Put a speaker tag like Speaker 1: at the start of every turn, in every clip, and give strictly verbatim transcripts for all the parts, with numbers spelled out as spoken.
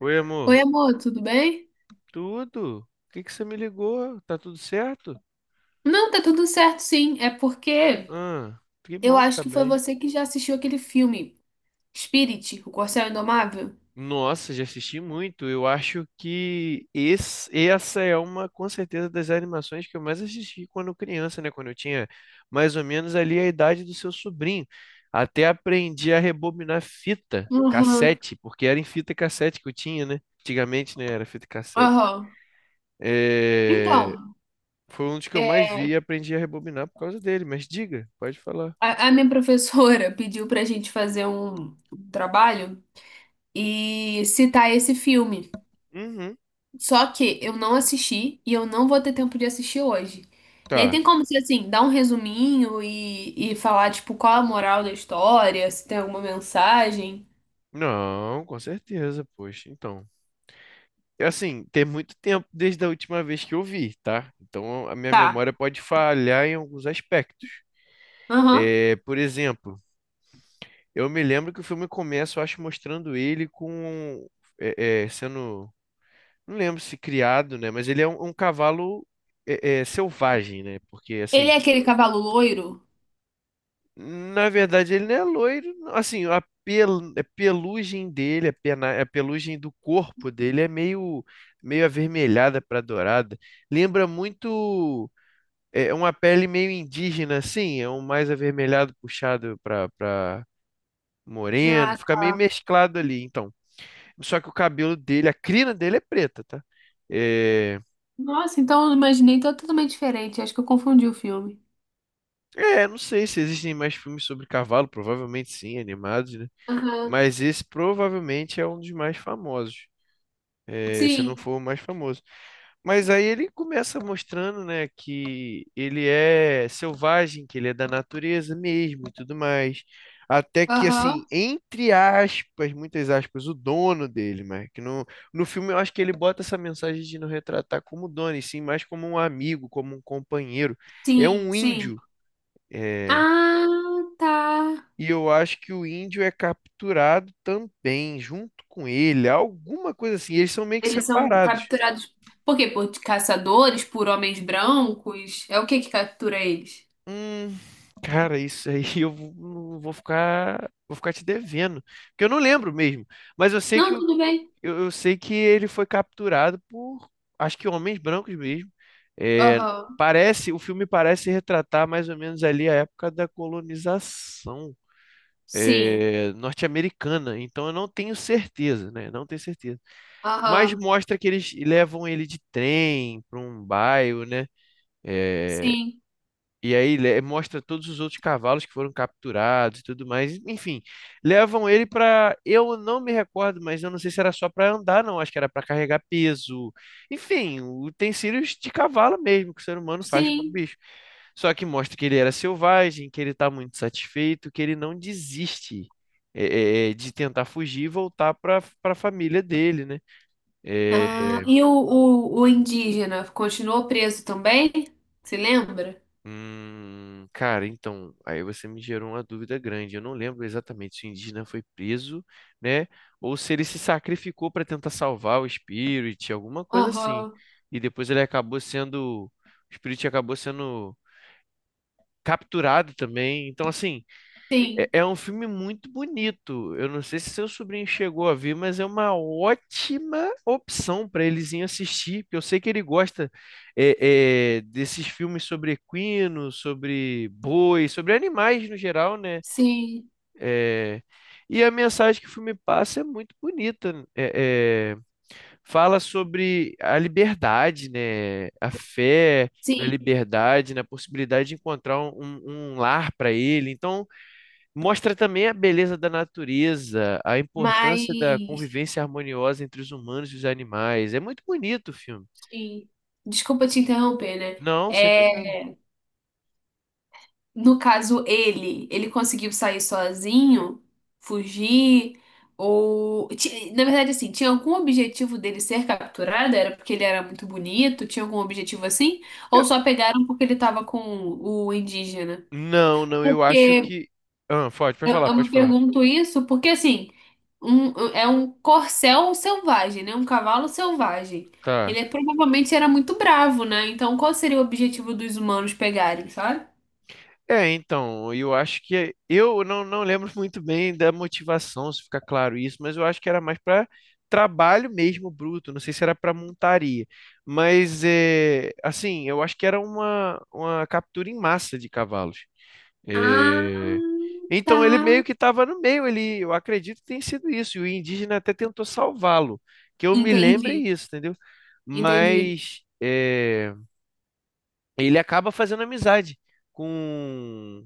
Speaker 1: Oi,
Speaker 2: Oi,
Speaker 1: amor.
Speaker 2: amor, tudo bem?
Speaker 1: Tudo? Por que que você me ligou? Tá tudo certo?
Speaker 2: Não, tá tudo certo, sim. É porque
Speaker 1: Ah, que
Speaker 2: eu
Speaker 1: bom que
Speaker 2: acho
Speaker 1: tá
Speaker 2: que foi
Speaker 1: bem.
Speaker 2: você que já assistiu aquele filme Spirit, O Corcel Indomável.
Speaker 1: Nossa, já assisti muito. Eu acho que esse, essa é uma, com certeza, das animações que eu mais assisti quando criança, né? Quando eu tinha mais ou menos ali a idade do seu sobrinho. Até aprendi a rebobinar fita,
Speaker 2: Aham,
Speaker 1: cassete, porque era em fita cassete que eu tinha, né? Antigamente, né? Era fita cassete.
Speaker 2: aham.
Speaker 1: É,
Speaker 2: Então,
Speaker 1: Foi um dos que eu mais
Speaker 2: é,
Speaker 1: vi e aprendi a rebobinar por causa dele. Mas diga, pode falar.
Speaker 2: a, a minha professora pediu pra gente fazer um, um trabalho e citar esse filme.
Speaker 1: Uhum.
Speaker 2: Só que eu não assisti e eu não vou ter tempo de assistir hoje. E aí
Speaker 1: Tá.
Speaker 2: tem como se, assim, dar um resuminho e, e falar, tipo, qual a moral da história, se tem alguma mensagem.
Speaker 1: Não, com certeza, poxa. Então, é assim, tem muito tempo desde a última vez que eu vi, tá? Então, a minha
Speaker 2: Tá.
Speaker 1: memória pode falhar em alguns aspectos.
Speaker 2: Aham.
Speaker 1: É, por exemplo, eu me lembro que o filme começa, eu acho, mostrando ele com, é, é, sendo, não lembro se criado, né? Mas ele é um, um cavalo é, é, selvagem, né? Porque
Speaker 2: Ele
Speaker 1: assim.
Speaker 2: é aquele cavalo loiro?
Speaker 1: Na verdade, ele não é loiro. Não. Assim, a pel- a pelugem dele, a, pena- a pelugem do corpo dele é meio, meio avermelhada para dourada. Lembra muito é, uma pele meio indígena, assim, é um mais avermelhado puxado para para moreno.
Speaker 2: Ah,
Speaker 1: Fica meio mesclado ali, então. Só que o cabelo dele, a crina dele é preta, tá? É,
Speaker 2: nossa, então eu imaginei totalmente diferente. Acho que eu confundi o filme.
Speaker 1: é, não sei se existem mais filmes sobre cavalo, provavelmente sim, animados, né?
Speaker 2: Aham.
Speaker 1: Mas esse provavelmente é um dos mais famosos. É, se não
Speaker 2: Sim.
Speaker 1: for o mais famoso. Mas aí ele começa mostrando, né, que ele é selvagem, que ele é da natureza mesmo e tudo mais. Até que, assim,
Speaker 2: Aham.
Speaker 1: entre aspas, muitas aspas, o dono dele, mas que no, no filme eu acho que ele bota essa mensagem de não retratar como dono, e sim mais como um amigo, como um companheiro. É
Speaker 2: Sim,
Speaker 1: um
Speaker 2: sim.
Speaker 1: índio, é,
Speaker 2: Ah, tá.
Speaker 1: e eu acho que o índio é capturado também, junto com ele, alguma coisa assim. Eles são meio que
Speaker 2: Eles são
Speaker 1: separados.
Speaker 2: capturados por quê? Por caçadores, por homens brancos? É o que que captura eles?
Speaker 1: Hum, cara, isso aí eu vou vou ficar, vou ficar te devendo, porque eu não lembro mesmo. Mas eu sei que
Speaker 2: Não,
Speaker 1: o-
Speaker 2: tudo bem.
Speaker 1: eu, eu sei que ele foi capturado por, acho que homens brancos mesmo. É,
Speaker 2: Aham.
Speaker 1: parece, o filme parece retratar mais ou menos ali a época da colonização.
Speaker 2: Sim.
Speaker 1: É, norte-americana, então eu não tenho certeza, né? Não tenho certeza. Mas
Speaker 2: Aham.
Speaker 1: mostra que eles levam ele de trem para um bairro, né? É,
Speaker 2: Sim.
Speaker 1: e aí le- mostra todos os outros cavalos que foram capturados e tudo mais. Enfim, levam ele para. Eu não me recordo, mas eu não sei se era só para andar, não. Acho que era para carregar peso. Enfim, utensílios de cavalo mesmo que o ser humano faz com o
Speaker 2: Sim.
Speaker 1: bicho. Só que mostra que ele era selvagem, que ele está muito satisfeito, que ele não desiste é, é, é, de tentar fugir e voltar para para a família dele, né? Eh,
Speaker 2: Ah, e o, o, o indígena continuou preso também? Se lembra?
Speaker 1: Hum, cara, então, aí você me gerou uma dúvida grande. Eu não lembro exatamente se o indígena foi preso, né? Ou se ele se sacrificou para tentar salvar o Spirit, alguma coisa assim.
Speaker 2: Aham.
Speaker 1: E depois ele acabou sendo. O Spirit acabou sendo capturado também. Então, assim, é,
Speaker 2: Sim.
Speaker 1: é um filme muito bonito. Eu não sei se seu sobrinho chegou a ver, mas é uma ótima opção para eles irem assistir, porque eu sei que ele gosta é, é, desses filmes sobre equino, sobre boi, sobre animais no geral, né?
Speaker 2: Sim,
Speaker 1: É, e a mensagem que o filme passa é muito bonita. É, é, fala sobre a liberdade, né? A fé na
Speaker 2: sim,
Speaker 1: liberdade, na possibilidade de encontrar um, um um lar para ele. Então mostra também a beleza da natureza, a importância da
Speaker 2: mas
Speaker 1: convivência harmoniosa entre os humanos e os animais. É muito bonito o filme.
Speaker 2: sim. Desculpa te interromper, né?
Speaker 1: Não, sem problema.
Speaker 2: É, no caso, ele, ele conseguiu sair sozinho, fugir, ou ti- na verdade, assim, tinha algum objetivo dele ser capturado? Era porque ele era muito bonito? Tinha algum objetivo assim?
Speaker 1: Eu-
Speaker 2: Ou só pegaram porque ele tava com o indígena?
Speaker 1: não, não, eu acho
Speaker 2: Porque
Speaker 1: que. Ah, pode, pode
Speaker 2: eu,
Speaker 1: falar,
Speaker 2: eu
Speaker 1: pode
Speaker 2: me
Speaker 1: falar.
Speaker 2: pergunto isso, porque assim. Um, é um corcel selvagem, né? Um cavalo selvagem. Ele
Speaker 1: Tá.
Speaker 2: é- provavelmente era muito bravo, né? Então, qual seria o objetivo dos humanos pegarem, sabe?
Speaker 1: É, então, eu acho que. Eu não, não lembro muito bem da motivação, se ficar claro isso, mas eu acho que era mais para trabalho mesmo bruto, não sei se era para montaria. Mas, é, assim, eu acho que era uma, uma captura em massa de cavalos.
Speaker 2: Ah,
Speaker 1: É, então ele meio
Speaker 2: tá.
Speaker 1: que estava no meio, ele, eu acredito que tenha sido isso, e o indígena até tentou salvá-lo, que eu me lembro é
Speaker 2: Entendi,
Speaker 1: isso, entendeu?
Speaker 2: entendi.
Speaker 1: Mas é, ele acaba fazendo amizade com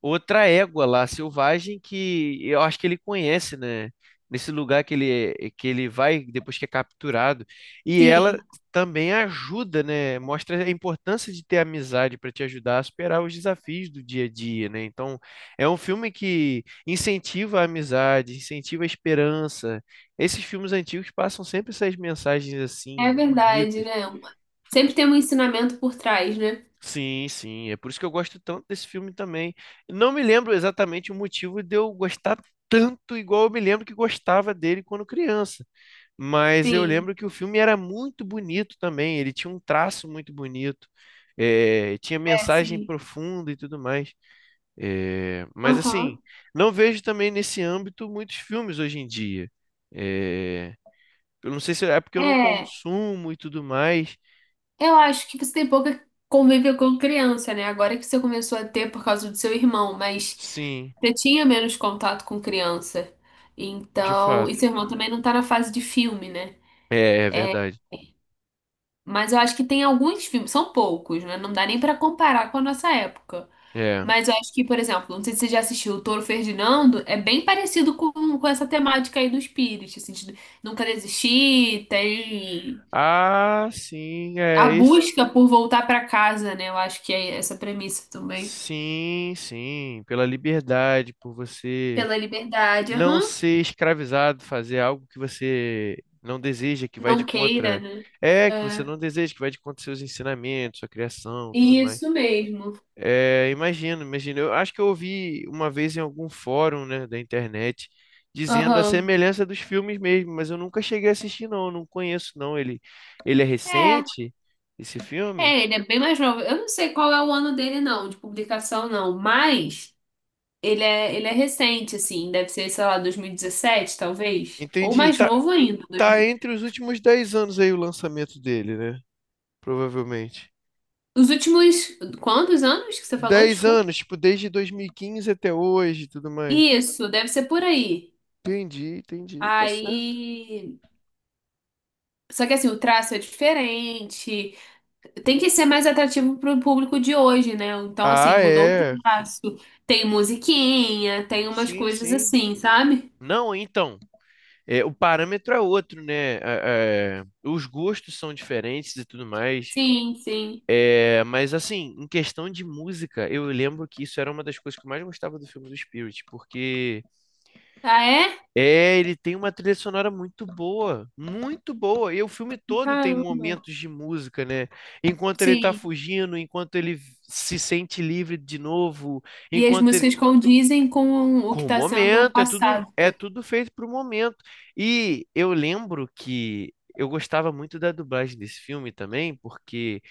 Speaker 1: outra égua lá, selvagem, que eu acho que ele conhece, né? Nesse lugar que ele, que ele vai depois que é capturado. E ela
Speaker 2: Sim,
Speaker 1: também ajuda, né? Mostra a importância de ter amizade para te ajudar a superar os desafios do dia a dia, né? Então, é um filme que incentiva a amizade, incentiva a esperança. Esses filmes antigos passam sempre essas mensagens assim,
Speaker 2: é verdade,
Speaker 1: bonitas.
Speaker 2: né? Sempre tem um ensinamento por trás, né?
Speaker 1: Sim, sim. É por isso que eu gosto tanto desse filme também. Não me lembro exatamente o motivo de eu gostar tanto, igual eu me lembro que gostava dele quando criança. Mas eu
Speaker 2: Sim.
Speaker 1: lembro que o filme era muito bonito também. Ele tinha um traço muito bonito, eh, tinha
Speaker 2: É,
Speaker 1: mensagem
Speaker 2: sim.
Speaker 1: profunda e tudo mais. Eh, mas assim,
Speaker 2: Aham.
Speaker 1: não vejo também nesse âmbito muitos filmes hoje em dia. Eh, eu não sei se é porque eu não
Speaker 2: É,
Speaker 1: consumo e tudo mais.
Speaker 2: eu acho que você tem pouca convívio com criança, né? Agora que você começou a ter por causa do seu irmão, mas.
Speaker 1: Sim,
Speaker 2: Você tinha menos contato com criança.
Speaker 1: de
Speaker 2: Então, e
Speaker 1: fato.
Speaker 2: seu irmão também não tá na fase de filme, né?
Speaker 1: É, é
Speaker 2: É,
Speaker 1: verdade.
Speaker 2: mas eu acho que tem alguns filmes, são poucos, né? Não dá nem pra comparar com a nossa época.
Speaker 1: É.
Speaker 2: Mas eu acho que, por exemplo, não sei se você já assistiu o Touro Ferdinando, é bem parecido com, com essa temática aí do espírito, assim, de nunca desistir, tem
Speaker 1: Ah, sim,
Speaker 2: a
Speaker 1: é esse.
Speaker 2: busca por voltar pra casa, né? Eu acho que é essa premissa também.
Speaker 1: Sim, sim, pela liberdade, por você
Speaker 2: Pela liberdade,
Speaker 1: não
Speaker 2: aham.
Speaker 1: ser escravizado, fazer algo que você não deseja, que vai de
Speaker 2: Não queira,
Speaker 1: contra.
Speaker 2: né?
Speaker 1: É, que você
Speaker 2: É,
Speaker 1: não deseja, que vai de contra seus ensinamentos, sua criação, tudo mais.
Speaker 2: isso mesmo.
Speaker 1: É, imagino, imagino. Eu acho que eu ouvi uma vez em algum fórum, né, da internet, dizendo a
Speaker 2: Aham.
Speaker 1: semelhança dos filmes mesmo, mas eu nunca cheguei a assistir, não, eu não conheço, não. Ele, ele é
Speaker 2: É,
Speaker 1: recente, esse filme?
Speaker 2: é, ele é bem mais novo. Eu não sei qual é o ano dele, não, de publicação, não, mas ele é, ele é recente, assim, deve ser, sei lá, dois mil e dezessete, talvez, ou
Speaker 1: Entendi.
Speaker 2: mais
Speaker 1: Tá,
Speaker 2: novo ainda. Dois
Speaker 1: tá
Speaker 2: mil.
Speaker 1: entre os últimos dez anos aí o lançamento dele, né? Provavelmente.
Speaker 2: Os últimos, quantos anos que você falou?
Speaker 1: dez
Speaker 2: Desculpa.
Speaker 1: anos, tipo, desde dois mil e quinze até hoje e tudo mais.
Speaker 2: Isso, deve ser por aí.
Speaker 1: Entendi, entendi, tá certo.
Speaker 2: Aí. Só que assim, o traço é diferente. Tem que ser mais atrativo pro público de hoje, né? Então, assim,
Speaker 1: Ah,
Speaker 2: mudou
Speaker 1: é.
Speaker 2: o traço. Tem musiquinha, tem umas
Speaker 1: Sim,
Speaker 2: coisas
Speaker 1: sim.
Speaker 2: assim, sabe?
Speaker 1: Não, então, é, o parâmetro é outro, né? É, é, os gostos são diferentes e tudo mais.
Speaker 2: Sim, sim.
Speaker 1: É, mas assim, em questão de música, eu lembro que isso era uma das coisas que eu mais gostava do filme do Spirit, porque
Speaker 2: Ah, é?
Speaker 1: é, ele tem uma trilha sonora muito boa, muito boa. E o filme todo tem
Speaker 2: Caramba.
Speaker 1: momentos de música, né? Enquanto ele tá
Speaker 2: Sim.
Speaker 1: fugindo, enquanto ele se sente livre de novo,
Speaker 2: E as
Speaker 1: enquanto ele.
Speaker 2: músicas condizem com o que
Speaker 1: Com o
Speaker 2: está sendo
Speaker 1: momento, é tudo,
Speaker 2: passado.
Speaker 1: é tudo feito pro momento. E eu lembro que eu gostava muito da dublagem desse filme também, porque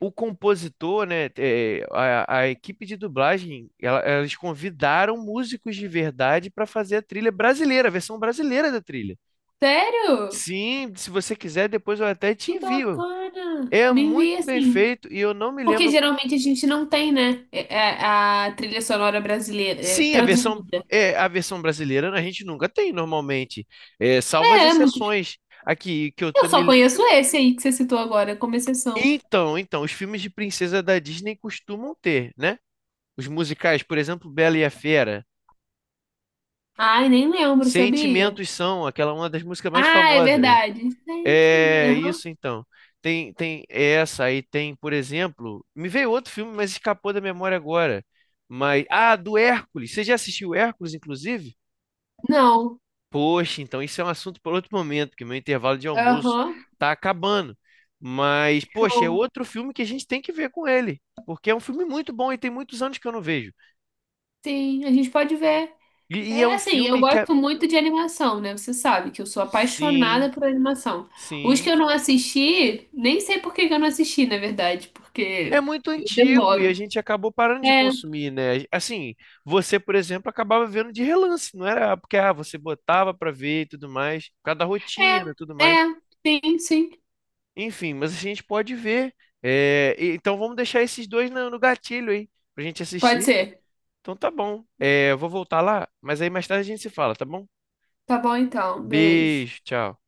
Speaker 1: o compositor, né, é, a, a equipe de dublagem, ela- elas convidaram músicos de verdade para fazer a trilha brasileira, a versão brasileira da trilha.
Speaker 2: Sério?
Speaker 1: Sim, se você quiser, depois eu até te
Speaker 2: Que
Speaker 1: envio.
Speaker 2: bacana.
Speaker 1: É
Speaker 2: Me envia
Speaker 1: muito bem
Speaker 2: assim.
Speaker 1: feito e eu não me
Speaker 2: Porque
Speaker 1: lembro.
Speaker 2: geralmente a gente não tem, né? é- é- A trilha sonora brasileira é,
Speaker 1: Sim, a versão
Speaker 2: traduzida.
Speaker 1: é a versão brasileira a gente nunca tem normalmente, é, salvo as
Speaker 2: É, é muito.
Speaker 1: exceções aqui que eu
Speaker 2: Eu
Speaker 1: tô
Speaker 2: só
Speaker 1: me.
Speaker 2: conheço esse aí que você citou agora, como exceção.
Speaker 1: Então, então, os filmes de princesa da Disney costumam ter, né? Os musicais, por exemplo, Bela e a Fera,
Speaker 2: Ai, nem lembro, sabia?
Speaker 1: Sentimentos são aquela uma das músicas mais
Speaker 2: Ah, é
Speaker 1: famosas.
Speaker 2: verdade.
Speaker 1: É
Speaker 2: Sentimento. Aham.
Speaker 1: isso então. Tem, tem essa aí, tem, por exemplo, me veio outro filme, mas escapou da memória agora. Mas, ah, do Hércules. Você já assistiu Hércules, inclusive?
Speaker 2: Não.
Speaker 1: Poxa, então isso é um assunto para outro momento, porque meu intervalo de almoço
Speaker 2: Aham.
Speaker 1: tá acabando. Mas, poxa, é
Speaker 2: Show.
Speaker 1: outro filme que a gente tem que ver com ele, porque é um filme muito bom e tem muitos anos que eu não vejo.
Speaker 2: Sim, a gente pode ver.
Speaker 1: E, e é
Speaker 2: É
Speaker 1: um
Speaker 2: assim, eu
Speaker 1: filme que é...
Speaker 2: gosto muito de animação, né? Você sabe que eu sou
Speaker 1: Sim,
Speaker 2: apaixonada por animação. Os que
Speaker 1: sim.
Speaker 2: eu não assisti, nem sei por que que eu não assisti, na verdade,
Speaker 1: É
Speaker 2: porque
Speaker 1: muito
Speaker 2: eu
Speaker 1: antigo e a
Speaker 2: demoro.
Speaker 1: gente acabou parando de
Speaker 2: É,
Speaker 1: consumir, né? Assim, você, por exemplo, acabava vendo de relance, não era porque ah, você botava pra ver e tudo mais, por causa da rotina e tudo
Speaker 2: é,
Speaker 1: mais.
Speaker 2: é, sim, sim.
Speaker 1: Enfim, mas a gente pode ver. É, e- então vamos deixar esses dois no, no gatilho aí, pra gente
Speaker 2: Pode
Speaker 1: assistir.
Speaker 2: ser.
Speaker 1: Então tá bom. É, eu vou voltar lá, mas aí mais tarde a gente se fala, tá bom?
Speaker 2: Tá bom então, beijo.
Speaker 1: Beijo, tchau.